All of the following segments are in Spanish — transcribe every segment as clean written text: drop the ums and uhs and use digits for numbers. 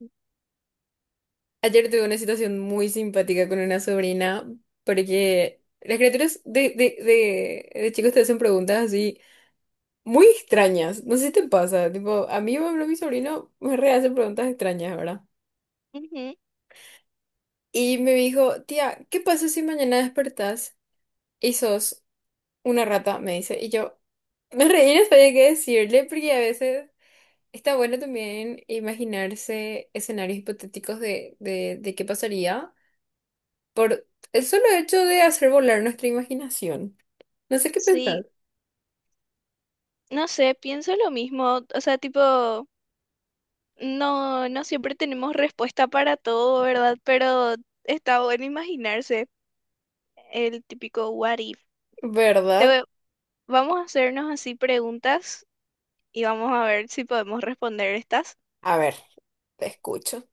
Ujú, Ayer tuve una situación muy simpática con una sobrina, porque las criaturas de chicos te hacen preguntas así muy extrañas. No sé si te pasa. Tipo, a mí, por ejemplo, mi sobrino me rehace preguntas extrañas, ¿verdad? Y me dijo, tía, ¿qué pasa si mañana despertás y sos una rata? Me dice. Y yo me reí, no sabía qué decirle, porque a veces está bueno también imaginarse escenarios hipotéticos de qué pasaría. Por el solo hecho de hacer volar nuestra imaginación. No sé qué sí, pensar. no sé, pienso lo mismo, o sea, tipo, no siempre tenemos respuesta para todo, ¿verdad? Pero está bueno imaginarse el típico what if. Te ¿Verdad? voy- Vamos a hacernos así preguntas y vamos a ver si podemos responder estas. A ver, te escucho.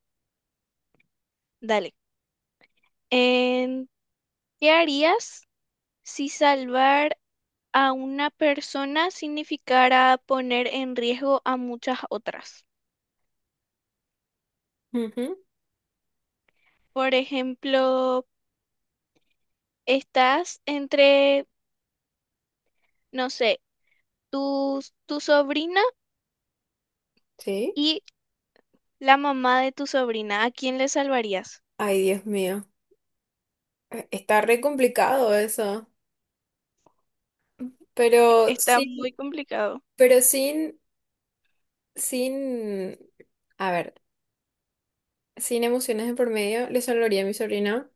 Dale. ¿Qué harías si salvar a una persona significara poner en riesgo a muchas otras? Ujú. Por ejemplo, estás entre, no sé, tu, tu sobrina Sí. y la mamá de tu sobrina. ¿A quién le salvarías? Ay, Dios mío. Está re complicado eso. Pero Está sin, muy complicado. pero sin, a ver, sin emociones de por medio, le salvaría a mi sobrina,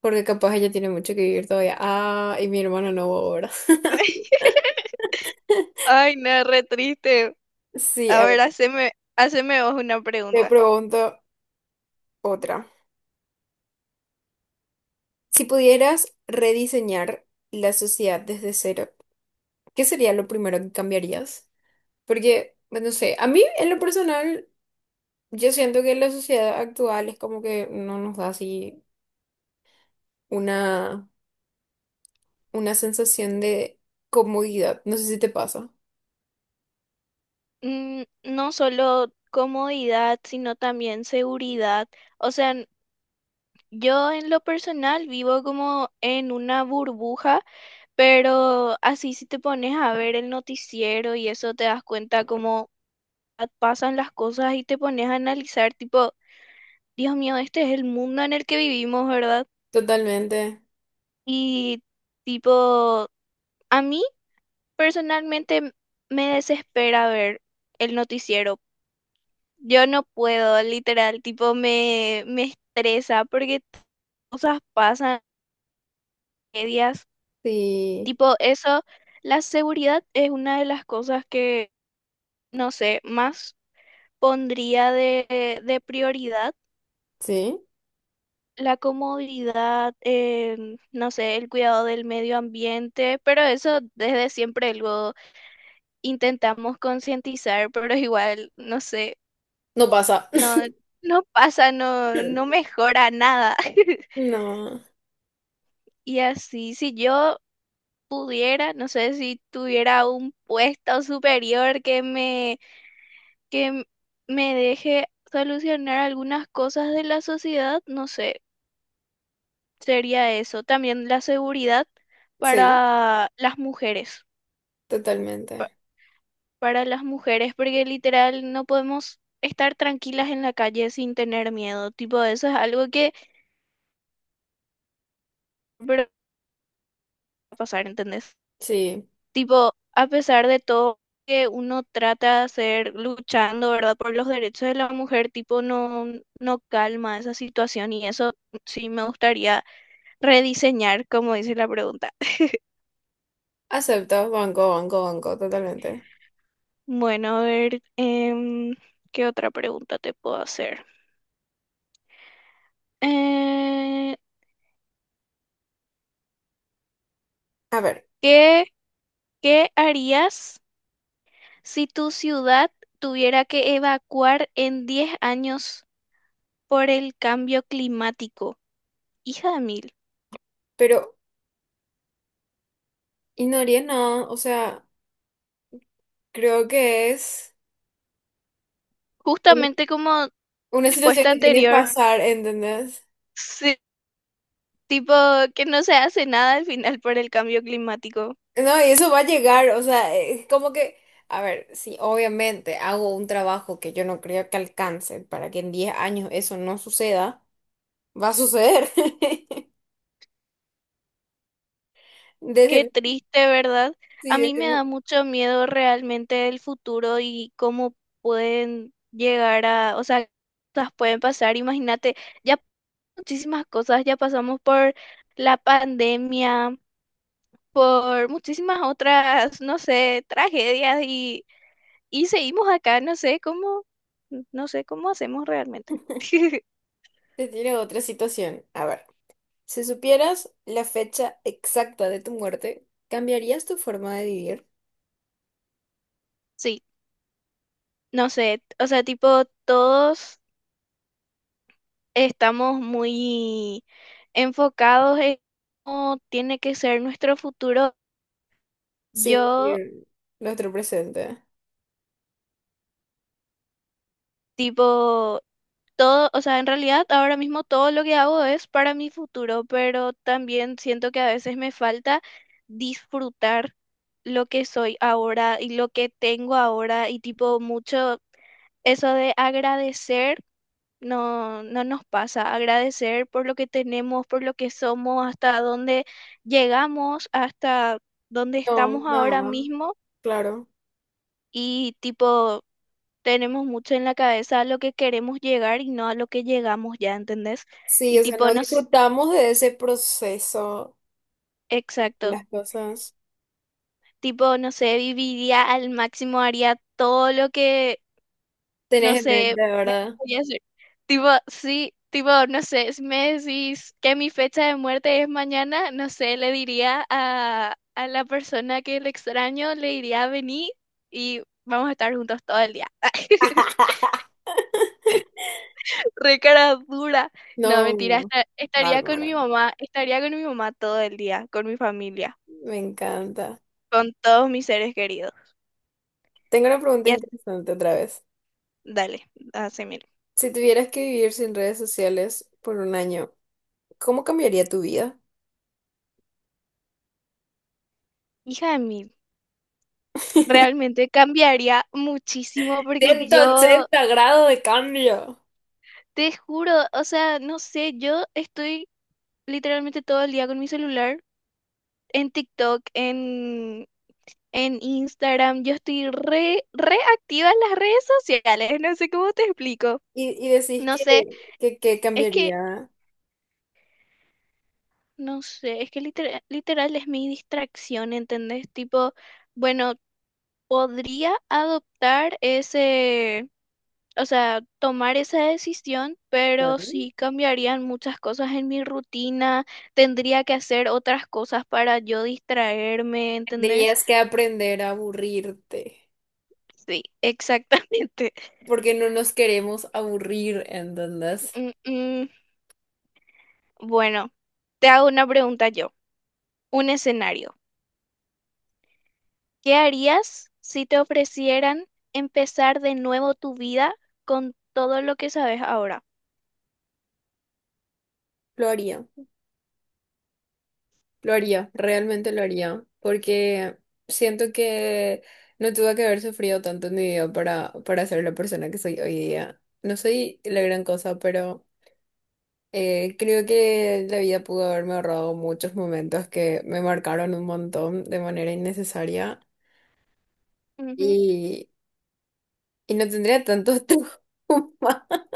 porque capaz ella tiene mucho que vivir todavía. Ah, y mi hermano no ahora. Ay, no, re triste. Sí, A a ver, ver, haceme vos una te pregunta. pregunto otra. Si pudieras rediseñar la sociedad desde cero, ¿qué sería lo primero que cambiarías? Porque, pues, no sé, a mí en lo personal, yo siento que la sociedad actual es como que no nos da así una, una sensación de comodidad. No sé si te pasa. Mm, no solo comodidad, sino también seguridad. O sea, yo en lo personal vivo como en una burbuja, pero así si te pones a ver el noticiero y eso te das cuenta cómo pasan las cosas y te pones a analizar tipo, Dios mío, este es el mundo en el que vivimos, ¿verdad? Totalmente. Y tipo, a mí personalmente me desespera ver el noticiero. Yo no puedo, literal, tipo, me estresa porque cosas pasan, tragedias. Sí. Tipo, eso, la seguridad es una de las cosas que, no sé, más pondría de prioridad. Sí. La comodidad, no sé, el cuidado del medio ambiente, pero eso desde siempre lo intentamos concientizar, pero igual, no sé, No pasa. no, no mejora nada. No. Y así, si yo pudiera, no sé si tuviera un puesto superior que m- me deje solucionar algunas cosas de la sociedad, no sé, sería eso. También la seguridad Sí, para las mujeres, pa- totalmente. para las mujeres, porque literal no podemos estar tranquilas en la calle sin tener miedo. Tipo, eso es algo que pero va a pasar, ¿entendés? Sí. Tipo, a pesar de todo que uno trata de hacer luchando, ¿verdad? Por los derechos de la mujer, tipo, no, no calma esa situación y eso sí me gustaría rediseñar, como dice la pregunta. Acepto, banco, banco, banco, totalmente. Bueno, a ver, ¿qué otra pregunta te puedo hacer? Eh, A ver, ¿qué, ¿qué harías si tu ciudad tuviera que evacuar en 10 años por el cambio climático? Hija de mil. pero, y no haría nada, o sea, creo que es... Justamente como Una situación respuesta que tiene que anterior, pasar, ¿entendés? sí, tipo que no se hace nada al final por el cambio climático. No, y eso va a llegar, o sea, es como que, a ver, si obviamente hago un trabajo que yo no creo que alcance para que en 10 años eso no suceda, va a suceder. Desde, Qué mi- triste, ¿verdad? sí, A mí me da mucho miedo realmente el futuro y cómo pueden llegar a, o sea, qué cosas pueden pasar. Imagínate, ya muchísimas cosas, ya pasamos por la pandemia, por muchísimas otras, no sé, tragedias y seguimos acá, no sé cómo, no sé cómo hacemos realmente. te tiro otra situación. A ver, si supieras la fecha exacta de tu muerte, ¿cambiarías tu forma de vivir Sí, no sé, o sea, tipo, todos estamos muy enfocados en cómo tiene que ser nuestro futuro. sin Yo, vivir nuestro presente? tipo, todo, o sea, en realidad ahora mismo todo lo que hago es para mi futuro, pero también siento que a veces me falta disfrutar lo que soy ahora y lo que tengo ahora y tipo mucho eso de agradecer. No, no nos pasa agradecer por lo que tenemos, por lo que somos, hasta dónde llegamos, hasta dónde No, estamos ahora no, mismo claro. y tipo tenemos mucho en la cabeza a lo que queremos llegar y no a lo que llegamos ya, ¿entendés? Sí, Y o sea, tipo no nos, disfrutamos de ese proceso, exacto, las cosas. tipo no sé, viviría al máximo, haría todo lo que, no Tenés en mente, sé, me ¿verdad? voy a hacer. Tipo, sí, tipo, no sé, si me decís que mi fecha de muerte es mañana, no sé, le diría a la persona que le extraño, le diría vení y vamos a estar juntos todo el día. Re cara dura. No, No, mentira, no. Estaría con mi Bárbara. mamá, estaría con mi mamá todo el día, con mi familia, Me encanta. con todos mis seres queridos. Tengo una pregunta Y as- interesante otra vez. dale, hace mil. Si tuvieras que vivir sin redes sociales por un año, ¿cómo cambiaría tu vida? Hija de mil, realmente cambiaría muchísimo porque Ciento yo, ochenta grados de cambio. te juro, o sea, no sé, yo estoy literalmente todo el día con mi celular, en TikTok, en Instagram, yo estoy re activa en las redes sociales, no sé cómo te explico. Y decís No sé, que, que es que cambiaría. no sé, es que literal, literal es mi distracción, ¿entendés? Tipo, bueno, podría adoptar ese, o sea, tomar esa decisión, pero Claro. sí cambiarían muchas cosas en mi rutina, tendría que hacer otras cosas para yo distraerme, ¿entendés? Tendrías que aprender a aburrirte, Sí, exactamente. porque no nos queremos aburrir, ¿entendés? Mm, mm, bueno, te hago una pregunta yo, un escenario. ¿Qué harías si te ofrecieran empezar de nuevo tu vida con todo lo que sabes ahora? Lo haría. Lo haría, realmente lo haría, porque siento que no tuve que haber sufrido tanto en mi vida para ser la persona que soy hoy día. No soy la gran cosa, pero creo que la vida pudo haberme ahorrado muchos momentos que me marcaron un montón de manera innecesaria Ujú. y, y no tendría tantos traumas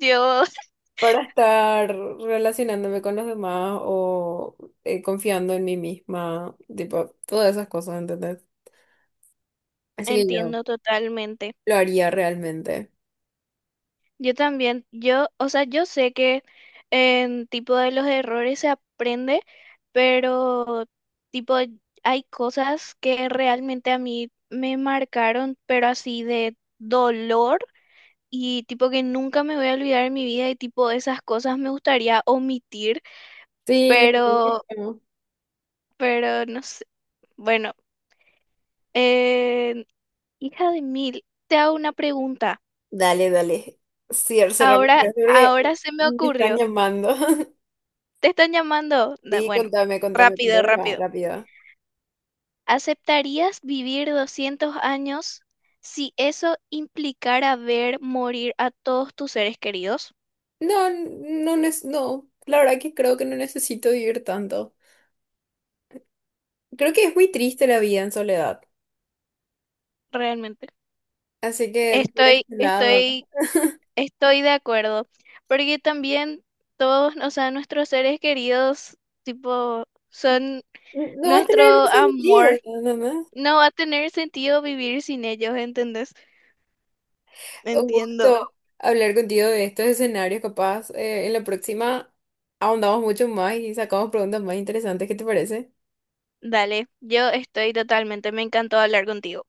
Yo para estar relacionándome con los demás o confiando en mí misma, tipo, todas esas cosas, ¿entendés? Así que yo... entiendo totalmente. Lo haría realmente. Yo también, yo, o sea, yo sé que en tipo de los errores se aprende, pero tipo hay cosas que realmente a mí me marcaron, pero así de dolor y tipo que nunca me voy a olvidar en mi vida y tipo esas cosas me gustaría omitir, Sí, lo pero mismo. pero no sé. Bueno, eh, hija de mil, te hago una pregunta. Dale, dale. Sí, cerramos esto porque Ahora se me me están ocurrió. llamando. Te están llamando. Sí, Bueno, contame, contame, rápido, contame más rápido. rápido. ¿Aceptarías vivir 200 años si eso implicara ver morir a todos tus seres queridos? No, no, no, la verdad que creo que no necesito vivir tanto. Creo que es muy triste la vida en soledad. Realmente. Así que por ese Estoy, lado, estoy, estoy de acuerdo. Porque también todos, o sea, nuestros seres queridos, tipo, son no va a nuestro tener más sentido. amor. ¿No? No. No va a tener sentido vivir sin ellos, ¿entendés? Un Entiendo. gusto hablar contigo de estos escenarios, capaz. En la próxima ahondamos mucho más y sacamos preguntas más interesantes. ¿Qué te parece? Dale, yo estoy totalmente, me encantó hablar contigo.